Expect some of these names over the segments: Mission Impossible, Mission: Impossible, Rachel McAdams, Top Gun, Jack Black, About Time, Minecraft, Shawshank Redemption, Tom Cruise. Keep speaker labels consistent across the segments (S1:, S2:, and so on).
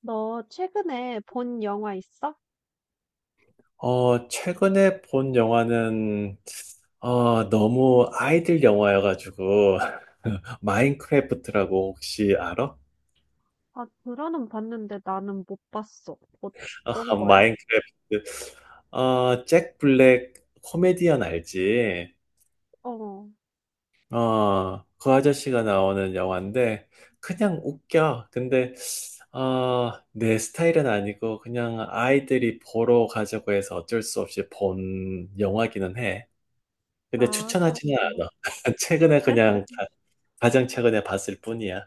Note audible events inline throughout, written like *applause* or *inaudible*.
S1: 너 최근에 본 영화 있어?
S2: 최근에 본 영화는, 너무 아이들 영화여가지고, *laughs* 마인크래프트라고 혹시 알아?
S1: 아, 드라는 봤는데 나는 못 봤어.
S2: *laughs* 아,
S1: 어떤 거야?
S2: 마인크래프트. 잭 블랙 코미디언 알지?
S1: 어,
S2: 그 아저씨가 나오는 영화인데, 그냥 웃겨. 근데, 내 스타일은 아니고, 그냥 아이들이 보러 가자고 해서 어쩔 수 없이 본 영화기는 해. 근데
S1: 아,
S2: 추천하지는
S1: 그렇구나.
S2: 않아. *laughs* 최근에 그냥 가장 최근에 봤을 뿐이야.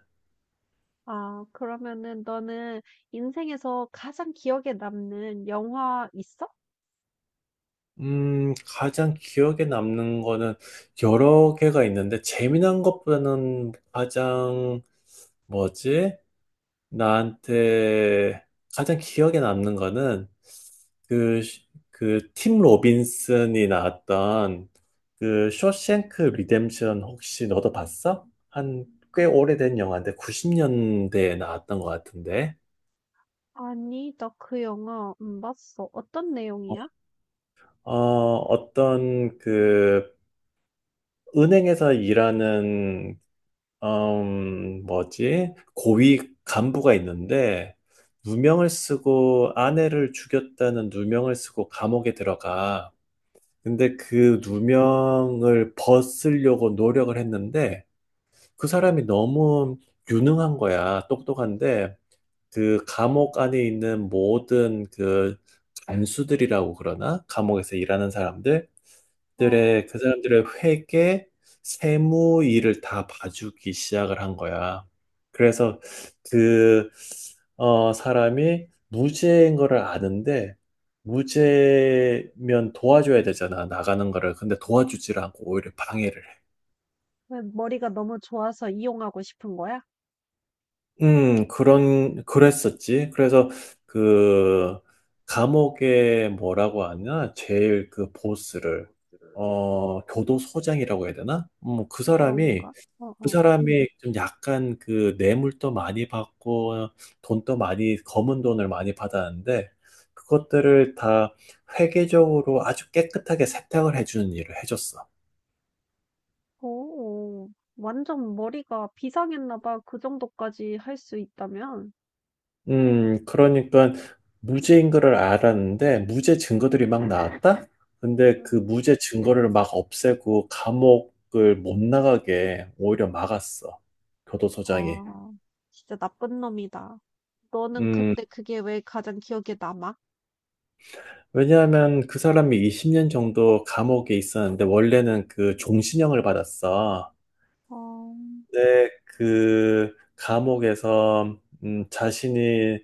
S1: 아, 그러면은 너는 인생에서 가장 기억에 남는 영화 있어?
S2: 가장 기억에 남는 거는 여러 개가 있는데, 재미난 것보다는 가장, 뭐지? 나한테 가장 기억에 남는 거는, 그, 팀 로빈슨이 나왔던 그 쇼생크 리뎀션 혹시 너도 봤어? 한 꽤 오래된 영화인데 90년대에 나왔던 것 같은데.
S1: 아니, 나 그 영화 안 봤어. 어떤 내용이야?
S2: 어, 어떤 그 은행에서 일하는, 뭐지? 고위 간부가 있는데, 누명을 쓰고 아내를 죽였다는 누명을 쓰고 감옥에 들어가. 근데 그 누명을 벗으려고 노력을 했는데, 그 사람이 너무 유능한 거야. 똑똑한데, 그 감옥 안에 있는 모든 그 간수들이라고 그러나? 감옥에서 일하는 사람들?
S1: 어,
S2: 들의 그 사람들의 회계, 세무 일을 다 봐주기 시작을 한 거야. 그래서 그 사람이 무죄인 거를 아는데 무죄면 도와줘야 되잖아 나가는 거를. 근데 도와주질 않고 오히려 방해를 해.
S1: 왜 머리가 너무 좋아서 이용하고 싶은 거야?
S2: 그랬었지. 그래서 그 감옥에 뭐라고 하냐? 제일 그 보스를, 교도소장이라고 해야 되나?
S1: 그런가? 어,
S2: 그
S1: 어.
S2: 사람이 좀 약간 그 뇌물도 많이 받고 돈도 많이 검은 돈을 많이 받았는데 그것들을 다 회계적으로 아주 깨끗하게 세탁을 해주는 일을 해줬어.
S1: 오, 완전 머리가 비상했나 봐. 그 정도까지 할 수 있다면.
S2: 그러니까 무죄인 거를 알았는데 무죄 증거들이 막 나왔다? 근데 그 무죄 증거를 막 없애고 감옥을 못 나가게 오히려 막았어. 교도소장이.
S1: 아, 진짜 나쁜 놈이다. 너는
S2: 음,
S1: 근데 그게 왜 가장 기억에 남아?
S2: 왜냐하면 그 사람이 20년 정도 감옥에 있었는데 원래는 그 종신형을 받았어.
S1: 어,
S2: 근데 그 감옥에서 자신이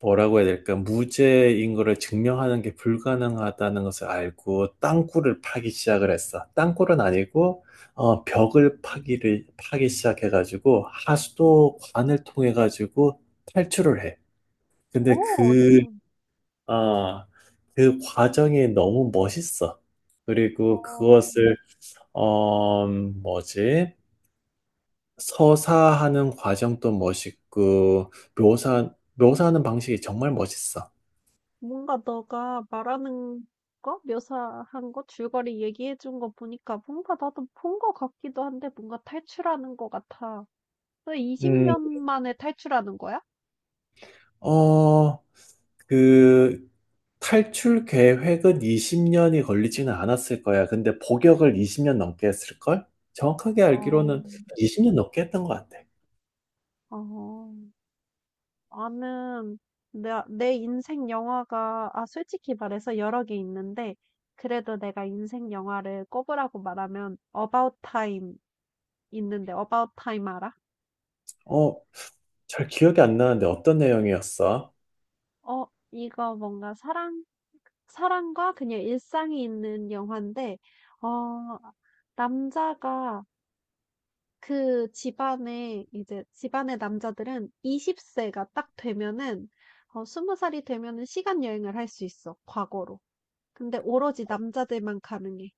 S2: 뭐라고 해야 될까? 무죄인 거를 증명하는 게 불가능하다는 것을 알고 땅굴을 파기 시작을 했어. 땅굴은 아니고 벽을 파기 시작해가지고 하수도관을 통해 가지고 탈출을 해. 근데
S1: 오,
S2: 그
S1: 참.
S2: 아, 그 과정이 너무 멋있어. 그리고
S1: 어,
S2: 그것을, 어, 뭐지? 서사하는 과정도 멋있고, 묘사하는 방식이 정말 멋있어.
S1: 뭔가 너가 말하는 거, 묘사한 거, 줄거리 얘기해 준 거 보니까 뭔가 나도 본 거 같기도 한데 뭔가 탈출하는 거 같아. 너
S2: 음,
S1: 20년 만에 탈출하는 거야?
S2: 어, 그, 탈출 계획은 20년이 걸리지는 않았을 거야. 근데 복역을 20년 넘게 했을걸? 정확하게
S1: 어,
S2: 알기로는 20년 넘게 했던 것 같아.
S1: 어. 나는 내 인생 영화가, 아, 솔직히 말해서 여러 개 있는데, 그래도 내가 인생 영화를 꼽으라고 말하면, About Time 있는데, About Time 알아?
S2: 어, 잘 기억이 안 나는데 어떤 내용이었어?
S1: 어, 이거 뭔가 사랑과 그냥 일상이 있는 영화인데, 어, 남자가 그 집안에, 이제 집안의 남자들은 20세가 딱 되면은, 20살이 되면은 시간 여행을 할 수 있어, 과거로. 근데 오로지 남자들만 가능해.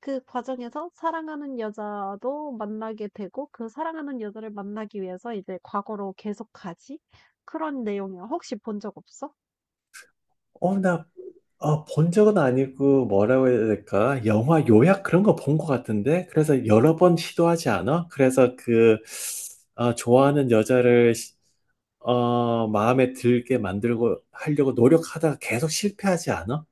S1: 그 과정에서 사랑하는 여자도 만나게 되고 그 사랑하는 여자를 만나기 위해서 이제 과거로 계속 가지? 그런 내용이야. 혹시 본 적 없어?
S2: 어, 나 본 적은 아니고 뭐라고 해야 될까? 영화 요약 그런 거 본 것 같은데? 그래서 여러 번 시도하지 않아? 그래서 그, 좋아하는 여자를, 시- 마음에 들게 만들고 하려고 노력하다가 계속 실패하지 않아?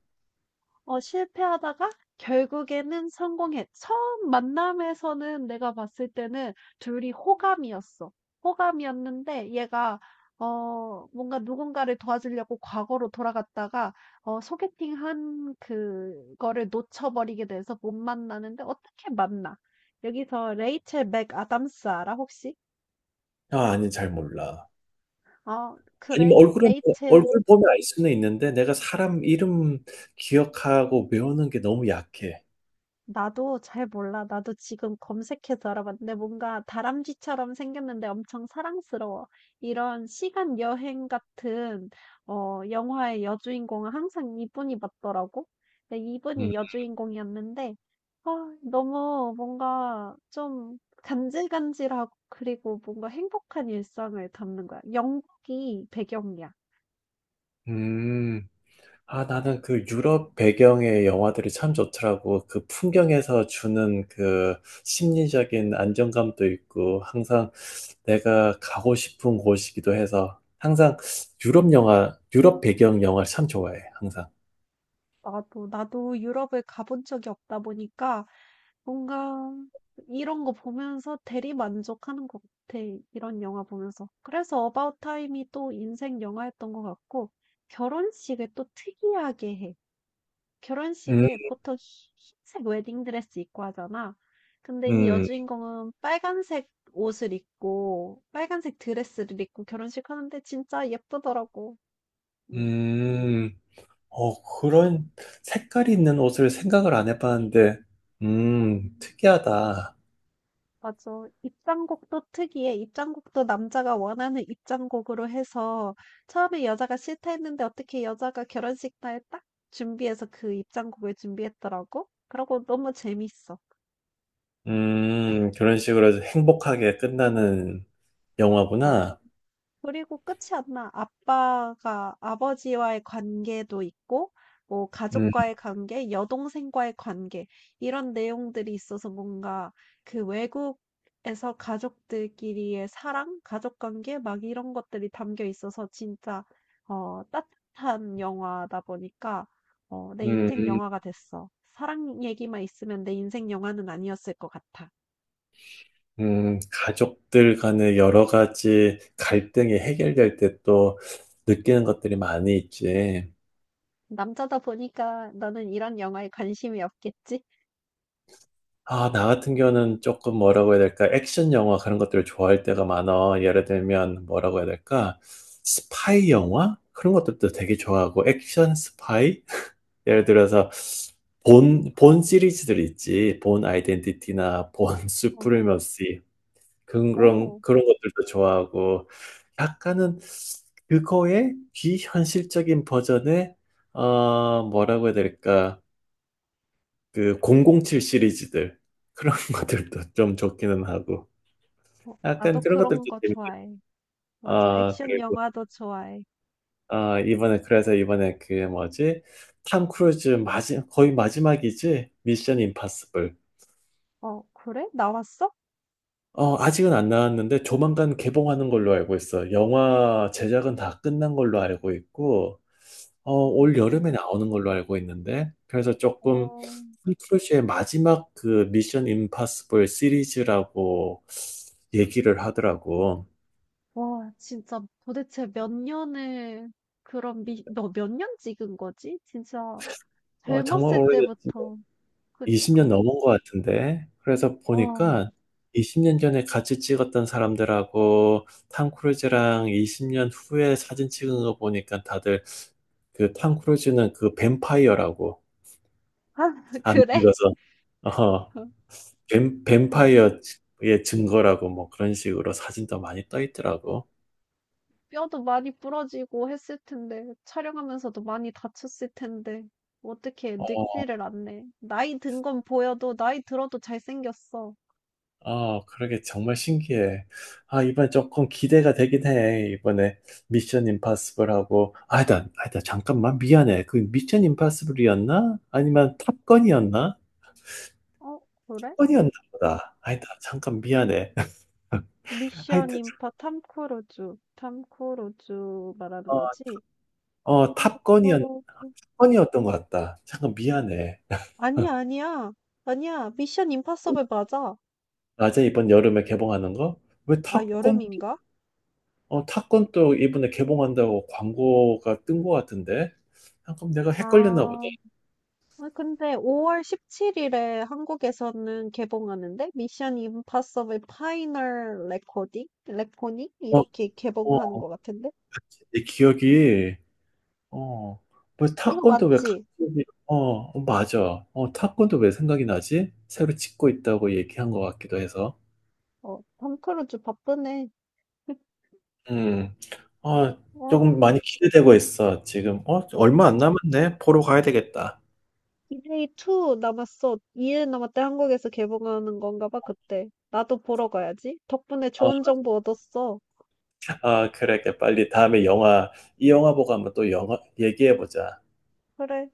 S1: 어, 실패하다가 결국에는 성공했 처음 만남에서는 내가 봤을 때는 둘이 호감이었어. 호감이었는데 얘가 뭔가 누군가를 도와주려고 과거로 돌아갔다가 소개팅한 그거를 놓쳐버리게 돼서 못 만나는데 어떻게 만나? 여기서 레이첼 맥아담스 알아 혹시?
S2: 아, 아니, 잘 몰라.
S1: 어, 그래,
S2: 아니면 얼굴은, 보-
S1: 레이첼.
S2: 얼굴 보면 알 수는 있는데 내가 사람 이름 기억하고 외우는 게 너무 약해.
S1: 나도 잘 몰라. 나도 지금 검색해서 알아봤는데 뭔가 다람쥐처럼 생겼는데 엄청 사랑스러워. 이런 시간 여행 같은 영화의 여주인공은 항상 이분이 맞더라고. 근데
S2: 음.
S1: 이분이 여주인공이었는데 아, 너무 뭔가 좀 간질간질하고 그리고 뭔가 행복한 일상을 담는 거야. 영국이 배경이야.
S2: 음. 아, 나는 그 유럽 배경의 영화들이 참 좋더라고. 그 풍경에서 주는 그 심리적인 안정감도 있고, 항상 내가 가고 싶은 곳이기도 해서, 항상 유럽 영화, 유럽 배경 영화를 참 좋아해, 항상.
S1: 나도 유럽을 가본 적이 없다 보니까 뭔가 이런 거 보면서 대리만족하는 것 같아. 이런 영화 보면서. 그래서 어바웃 타임이 또 인생 영화였던 것 같고 결혼식을 또 특이하게 해.
S2: 음,
S1: 결혼식을 보통 흰색 웨딩드레스 입고 하잖아. 근데 이
S2: 음,
S1: 여주인공은 빨간색 옷을 입고 빨간색 드레스를 입고 결혼식 하는데 진짜 예쁘더라고. 음.
S2: 음, 그런 색깔이 있는 옷을 생각을 안 해봤는데, 특이하다.
S1: 맞아. 입장곡도 특이해. 입장곡도 남자가 원하는 입장곡으로 해서 처음에 여자가 싫다 했는데 어떻게 여자가 결혼식 날 딱 준비해서 그 입장곡을 준비했더라고. 그러고 너무 재밌어.
S2: 그런 식으로 행복하게 끝나는
S1: 어.
S2: 영화구나.
S1: 그리고 끝이 안 나. 아빠가 아버지와의 관계도 있고, 뭐
S2: 음,
S1: 가족과의 관계, 여동생과의 관계 이런 내용들이 있어서 뭔가 그 외국에서 가족들끼리의 사랑, 가족 관계 막 이런 것들이 담겨 있어서 진짜 따뜻한 영화다 보니까 내
S2: 음.
S1: 인생 영화가 됐어. 사랑 얘기만 있으면 내 인생 영화는 아니었을 것 같아.
S2: 가족들 간의 여러 가지 갈등이 해결될 때 또 느끼는 것들이 많이 있지.
S1: 남자다 보니까 너는 이런 영화에 관심이 없겠지?
S2: 아, 나 같은 경우는 조금 뭐라고 해야 될까? 액션 영화 그런 것들을 좋아할 때가 많아. 예를 들면 뭐라고 해야 될까? 스파이 영화? 그런 것들도 되게 좋아하고, 액션 스파이? *laughs* 예를 들어서 본 시리즈들 있지. 본 아이덴티티나 본 *laughs*
S1: 어.
S2: 수프리머시
S1: 어.
S2: 그런 것들도 좋아하고 약간은 그거의 비현실적인 버전의 어 뭐라고 해야 될까 그 007 시리즈들 그런 *laughs* 것들도 좀 좋기는 하고
S1: 어,
S2: 약간
S1: 나도
S2: 그런 것들도
S1: 그런 거
S2: 재밌어요.
S1: 좋아해. 맞아.
S2: 아
S1: 액션
S2: 그리고
S1: 영화도 좋아해.
S2: 아 이번에 그 뭐지 탐 크루즈 마지 거의 마지막이지 미션 임파서블
S1: 어, 그래? 나왔어?
S2: 아직은 안 나왔는데 조만간 개봉하는 걸로 알고 있어. 영화 제작은 다 끝난 걸로 알고 있고, 올 여름에
S1: 음,
S2: 나오는 걸로 알고 있는데, 그래서 조금
S1: 어,
S2: 풀 크루즈의 마지막 그 미션 임파서블 시리즈라고 얘기를 하더라고.
S1: 와, 진짜 도대체 몇 년을, 그럼 너 몇 년 찍은 거지? 진짜
S2: 어, 정말
S1: 젊었을
S2: 오래됐지.
S1: 때부터.
S2: 20년
S1: 그니까.
S2: 넘은 것 같은데. 그래서
S1: 와,
S2: 보니까 20년 전에 같이 찍었던 사람들하고 탐 크루즈랑 20년 후에 사진 찍은 거 보니까 다들 그 탐 크루즈는 그 뱀파이어라고
S1: *laughs* 아,
S2: 안
S1: 그래?
S2: 늙어서 *laughs*
S1: *laughs* 어,
S2: 뱀파이어의 증거라고 뭐 그런 식으로 사진도 많이 떠 있더라고.
S1: 뼈도 많이 부러지고 했을 텐데, 촬영하면서도 많이 다쳤을 텐데, 어떻게
S2: 어,
S1: 늙지를 않네. 나이 든 건 보여도, 나이 들어도 잘생겼어.
S2: 아, 그러게 정말 신기해. 아, 이번에 조금 기대가 되긴 해. 이번에 미션 임파서블하고 아니다, 아니다, 잠깐만 미안해. 그 미션 임파서블이었나? 아니면 탑건이었나?
S1: 어, 그래?
S2: 탑건이었나
S1: 음 그
S2: 보다. 아니다, 잠깐 미안해. *laughs*
S1: 미션
S2: 하여튼
S1: 임파 탐 크루즈. 탐 크루즈 말하는
S2: 어,
S1: 거지?
S2: 어
S1: 어,
S2: 탑건이었,
S1: 어,
S2: 탑건이었던 것 같다. 잠깐 미안해.
S1: 아니야, 아니야. 아니야. 미션 임파서블 맞아.
S2: 맞아, 이번 여름에 개봉하는 거? 왜
S1: 아,
S2: 탑건?
S1: 여름인가?
S2: 어, 탑건 또 이번에 개봉한다고 광고가 뜬 것 같은데? 아, 그럼 내가 헷갈렸나 보다.
S1: 아, 아, 근데 5월 17일에 한국에서는 개봉하는데 미션 임파서블 파이널 레코딩? 레코닝?
S2: 어,
S1: 이렇게
S2: 어,
S1: 개봉하는 것 같은데?
S2: 내 기억이, 어, 뭐
S1: 이거
S2: 탑건도 왜
S1: 맞지?
S2: 갑자기, 어, 어, 맞아. 어, 탑건도 왜 생각이 나지? 새로 찍고 있다고 얘기한 것 같기도 해서.
S1: 톰 크루즈 바쁘네.
S2: 음, 아, 조금
S1: 어,
S2: 많이 기대되고 있어, 지금. 어,
S1: 어,
S2: 얼마 안 남았네. 보러 가야 되겠다.
S1: 디제이 2 남았어. 2일 남았대. 한국에서 개봉하는 건가 봐, 그때. 나도 보러 가야지. 덕분에
S2: 어,
S1: 좋은 정보 얻었어.
S2: 아, 그래, 그래. 빨리 다음에 영화, 이 영화 보고 한번 또 영화 얘기해보자.
S1: 그래.